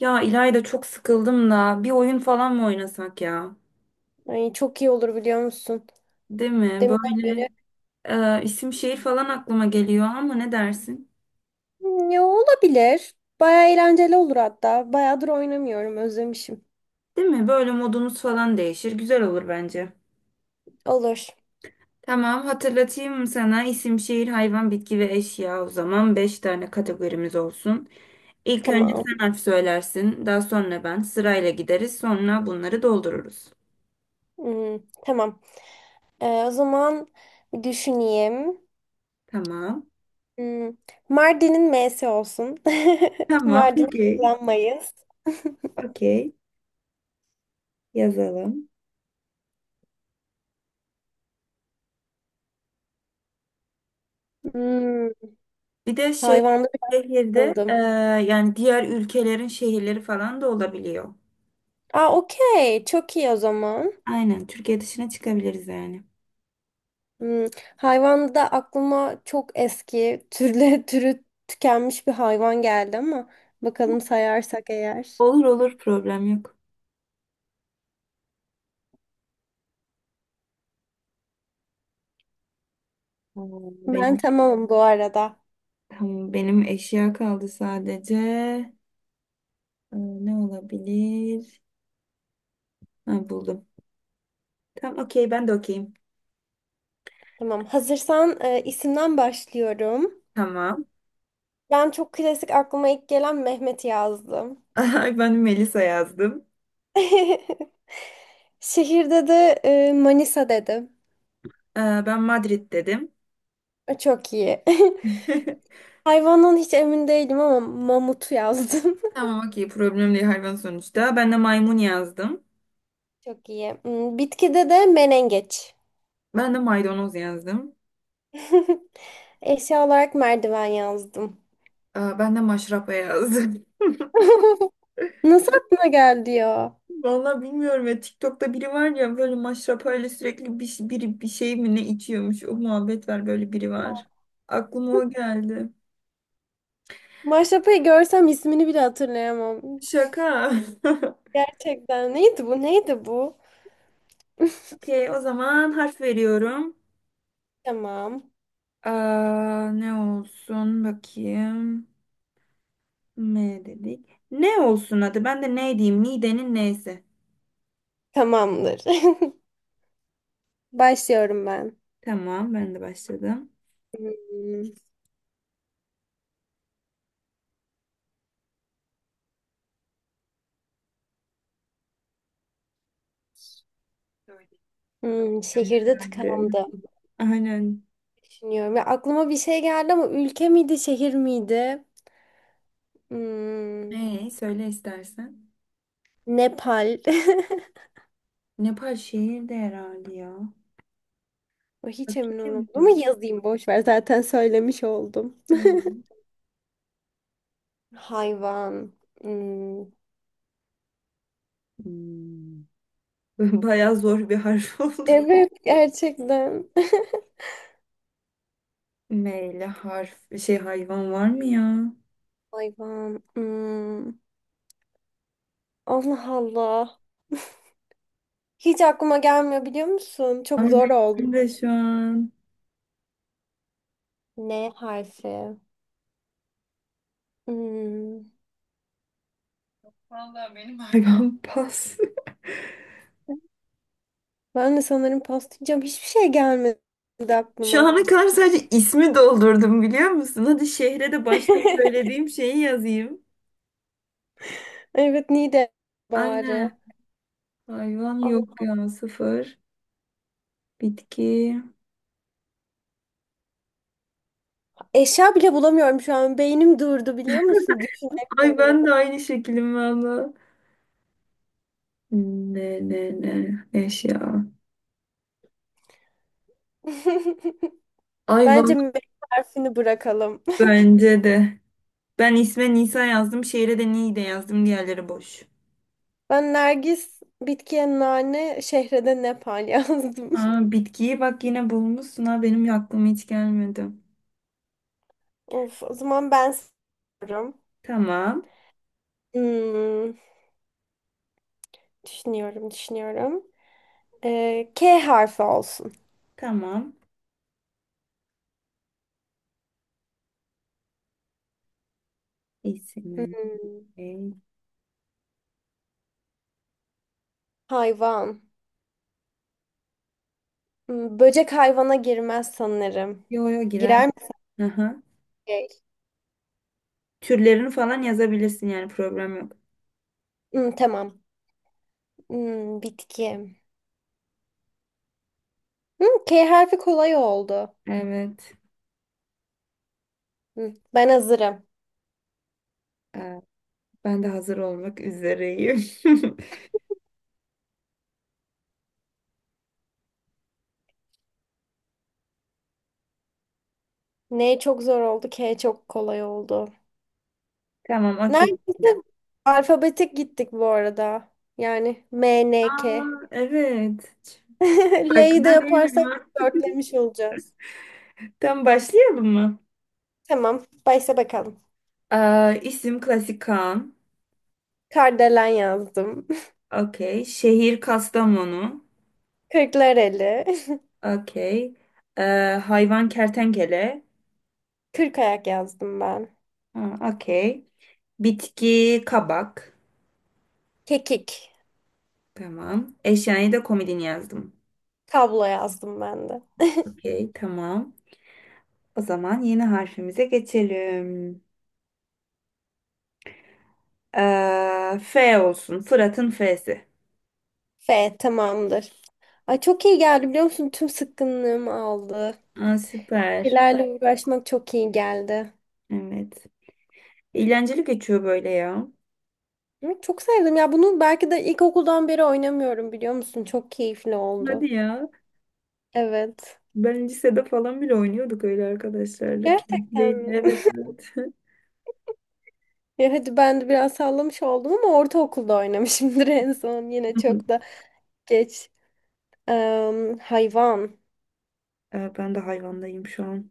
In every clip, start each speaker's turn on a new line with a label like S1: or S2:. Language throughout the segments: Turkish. S1: Ya İlayda çok sıkıldım da bir oyun falan mı oynasak ya?
S2: Ay, çok iyi olur biliyor musun?
S1: Değil mi?
S2: Deminden
S1: Böyle
S2: beri.
S1: isim şehir falan aklıma geliyor ama ne dersin?
S2: Ya olabilir. Baya eğlenceli olur hatta. Bayağıdır oynamıyorum. Özlemişim.
S1: Değil mi? Böyle modumuz falan değişir. Güzel olur bence.
S2: Olur.
S1: Tamam, hatırlatayım mı sana, isim şehir hayvan bitki ve eşya, o zaman 5 tane kategorimiz olsun. İlk önce
S2: Tamam.
S1: sen harf söylersin, daha sonra ben sırayla gideriz, sonra bunları doldururuz.
S2: Hmm, tamam. O zaman bir düşüneyim.
S1: Tamam.
S2: Hmm, Mardin'in M'si olsun.
S1: Tamam.
S2: Mardin'i
S1: Okey.
S2: kullanmayız.
S1: Okey. Yazalım.
S2: Hmm,
S1: Bir de şey,
S2: hayvanda bir
S1: şehirde
S2: kıldım.
S1: yani diğer ülkelerin şehirleri falan da olabiliyor.
S2: Aa, okey. Çok iyi o zaman.
S1: Aynen, Türkiye dışına çıkabiliriz yani.
S2: Hmm, hayvanda aklıma çok eski türü tükenmiş bir hayvan geldi ama bakalım sayarsak eğer.
S1: Olur olur, problem yok. Ee,
S2: Ben
S1: Benim
S2: tamamım bu arada.
S1: tamam, benim eşya kaldı sadece. Ne olabilir? Ha, buldum. Tamam okey, ben de okeyim.
S2: Tamam. Hazırsan isimden başlıyorum.
S1: Tamam.
S2: Ben çok klasik aklıma ilk gelen Mehmet yazdım.
S1: Ay, ben Melisa yazdım.
S2: Şehirde de Manisa dedim.
S1: Ee, Ben Madrid dedim.
S2: Çok iyi. Hayvandan hiç emin değilim ama mamutu yazdım.
S1: Tamam okey, problem değil, hayvan sonuçta. Ben de maymun yazdım.
S2: Çok iyi. Bitkide de menengeç.
S1: Ben de maydanoz yazdım.
S2: Eşya olarak merdiven yazdım.
S1: Ben de maşrapa yazdım.
S2: Nasıl aklına geldi ya?
S1: Vallahi bilmiyorum ya, TikTok'ta biri var ya, böyle maşrapayla sürekli biri bir şey mi ne içiyormuş, o muhabbet var, böyle biri var. Aklıma o geldi.
S2: Maşrapayı görsem ismini bile hatırlayamam.
S1: Şaka.
S2: Gerçekten neydi bu? Neydi bu?
S1: Okey, o zaman harf veriyorum.
S2: Tamam.
S1: Aa, ne olsun bakayım. M dedik. Ne olsun, hadi ben de ne diyeyim, Nidenin neyse.
S2: Tamamdır. Başlıyorum ben.
S1: Tamam, ben de başladım.
S2: Hmm,
S1: Söyle.
S2: şehirde
S1: Ben de.
S2: tıkandım.
S1: Aynen.
S2: Düşünüyorum. Ya aklıma bir şey geldi ama ülke miydi, şehir miydi? Hmm,
S1: Ne, söyle istersen.
S2: Nepal.
S1: Nepal şehir de herhalde ya.
S2: Hiç emin
S1: Bakayım
S2: olamadım ama
S1: mı?
S2: yazayım boş ver zaten söylemiş oldum. Hayvan. Hmm.
S1: Hmm. Bayağı zor bir harf oldu.
S2: Evet gerçekten.
S1: Meyle harf şey hayvan var mı ya?
S2: Hayvan. Hmm. Allah Allah. Hiç aklıma gelmiyor biliyor musun? Çok
S1: Abi
S2: zor oldu.
S1: benim de şu an
S2: N harfi. Hmm.
S1: hayvan pas.
S2: Ben de sanırım paslayacağım. Hiçbir şey gelmedi
S1: Şu
S2: aklıma.
S1: ana kadar sadece ismi doldurdum biliyor musun? Hadi şehre de başta söylediğim şeyi yazayım.
S2: Evet, Nide
S1: Aynen.
S2: bari.
S1: Hayvan
S2: Allah.
S1: yok ya, sıfır. Bitki.
S2: Eşya bile bulamıyorum şu an. Beynim durdu biliyor musun?
S1: Ay
S2: Düşünemiyorum.
S1: ben de aynı şekilim valla. Ne ne ne eşya.
S2: Bence
S1: Hayvan.
S2: M harfini bırakalım.
S1: Bence de. Ben isme Nisa yazdım. Şehre de Niğde yazdım. Diğerleri boş.
S2: Ben Nergis, bitkiye nane, şehrede Nepal yazdım.
S1: Aa, bitkiyi bak yine bulmuşsun ha, benim aklıma hiç gelmedi.
S2: Of, o zaman ben soruyorum.
S1: Tamam.
S2: Hmm, düşünüyorum, düşünüyorum. K harfi olsun.
S1: Tamam. İsim.
S2: Hmm, hayvan. Böcek hayvana girmez sanırım.
S1: Yo yo, girer.
S2: Girer mi?
S1: Aha.
S2: Böcek.
S1: Türlerini falan yazabilirsin yani, problem yok.
S2: Tamam. Bitki. K harfi kolay oldu.
S1: Evet.
S2: Ben hazırım.
S1: Ee, ben de hazır olmak üzereyim.
S2: N çok zor oldu, K çok kolay oldu.
S1: Tamam okey. Şimdi.
S2: Neredeyse alfabetik gittik bu arada. Yani M N
S1: Aa,
S2: K.
S1: evet. Hiç
S2: L'yi de
S1: farkında değilim
S2: yaparsak
S1: ha.
S2: dörtlemiş olacağız.
S1: Tamam, başlayalım mı?
S2: Tamam, başla bakalım.
S1: İsim klasik Kaan.
S2: Kardelen yazdım.
S1: Okey. Şehir Kastamonu.
S2: Kırklareli.
S1: Okey. Ee, hayvan kertenkele.
S2: Kırk ayak yazdım ben.
S1: Ha, okey. Bitki kabak.
S2: Kekik.
S1: Tamam. Eşyayı da komodin yazdım.
S2: Kablo yazdım ben de.
S1: Okey, tamam. O zaman yeni harfimize geçelim. F olsun. Fırat'ın F'si.
S2: F tamamdır. Ay çok iyi geldi biliyor musun? Tüm sıkkınlığımı aldı.
S1: Aa, süper.
S2: Şeylerle uğraşmak çok iyi geldi.
S1: Evet. Eğlenceli geçiyor böyle ya.
S2: Hı, çok sevdim ya bunu, belki de ilkokuldan beri oynamıyorum biliyor musun? Çok keyifli oldu.
S1: Hadi ya.
S2: Evet.
S1: Ben lisede falan bile oynuyorduk öyle arkadaşlarla.
S2: Gerçekten
S1: Keyifliydi.
S2: mi?
S1: Evet, evet.
S2: Ya hadi ben de biraz sallamış oldum ama ortaokulda oynamışımdır en son. Yine çok da geç. Hayvan.
S1: Ben de hayvandayım şu an.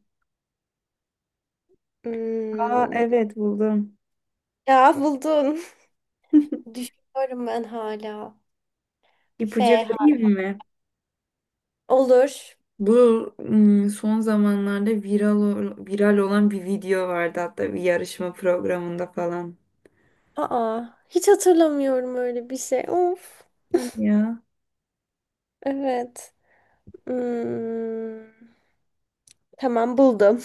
S1: Aa,
S2: Hmm.
S1: evet, buldum.
S2: Ya buldun. Düşünüyorum ben hala. F
S1: İpucu vereyim
S2: har-
S1: mi?
S2: Olur.
S1: Bu son zamanlarda viral olan bir video vardı hatta, bir yarışma programında falan.
S2: Aa, hiç hatırlamıyorum öyle bir şey. Of.
S1: Hadi ya.
S2: Evet. Hmm. Tamam buldum.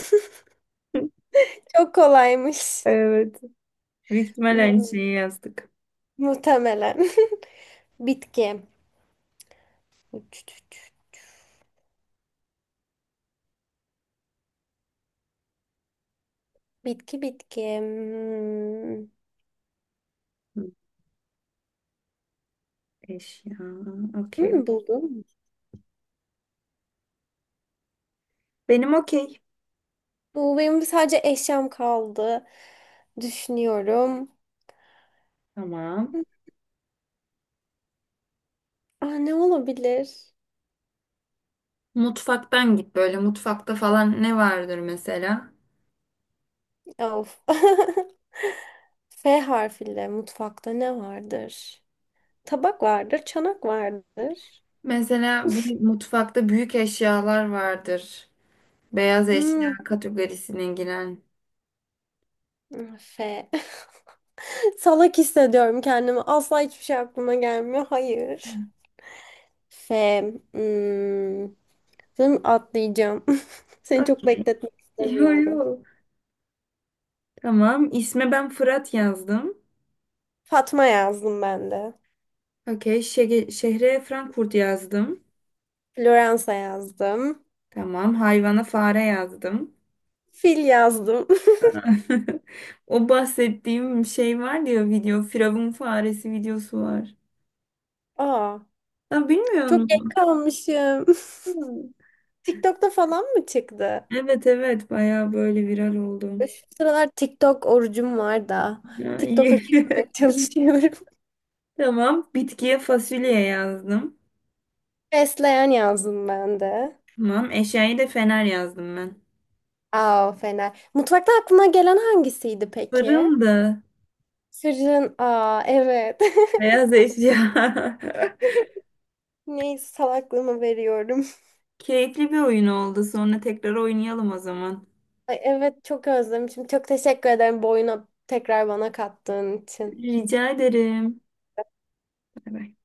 S2: Çok kolaymış.
S1: Evet. Büyük ihtimal aynı
S2: Hmm,
S1: şeyi yazdık.
S2: Muhtemelen. Bitki. Bitki. Hmm.
S1: Hı, eşya. Okey.
S2: Buldum.
S1: Benim okey.
S2: Bu benim, sadece eşyam kaldı. Düşünüyorum.
S1: Tamam.
S2: Aa, ne olabilir?
S1: Mutfaktan git, böyle mutfakta falan ne vardır mesela?
S2: Of. F harfiyle mutfakta ne vardır? Tabak vardır, çanak vardır.
S1: Mesela bir mutfakta büyük eşyalar vardır. Beyaz eşya
S2: Hmm,
S1: kategorisine giren.
S2: F. Salak hissediyorum kendimi. Asla hiçbir şey aklıma gelmiyor. Hayır. F. Hmm. Sanırım atlayacağım. Seni
S1: Ah,
S2: çok bekletmek
S1: yo
S2: istemiyorum.
S1: yo. Tamam. İsme ben Fırat yazdım.
S2: Fatma yazdım ben de.
S1: Okey. Şehre Frankfurt yazdım.
S2: Floransa yazdım.
S1: Tamam. Hayvana fare yazdım.
S2: Fil yazdım.
S1: O bahsettiğim şey var diyor, video. Firavun faresi videosu var.
S2: Aa,
S1: Ha, bilmiyor
S2: çok geç
S1: musun?
S2: kalmışım.
S1: Hı.
S2: TikTok'ta falan mı çıktı?
S1: Evet, evet. Baya böyle viral oldu.
S2: Şu sıralar TikTok orucum var da.
S1: Ya, iyi.
S2: TikTok'a girmemeye çalışıyorum.
S1: Tamam. Bitkiye fasulye yazdım.
S2: Fesleğen yazdım ben de.
S1: Tamam. Eşyayı da fener yazdım ben.
S2: Aa, fena. Mutfakta aklına gelen hangisiydi peki?
S1: Fırındı.
S2: Fırın. Aa, evet.
S1: Beyaz eşya.
S2: Neyse salaklığımı veriyorum.
S1: Keyifli bir oyun oldu. Sonra tekrar oynayalım o zaman.
S2: Ay, evet çok özlemişim. Çok teşekkür ederim bu oyunu tekrar bana kattığın için.
S1: Rica ederim. Bay bay.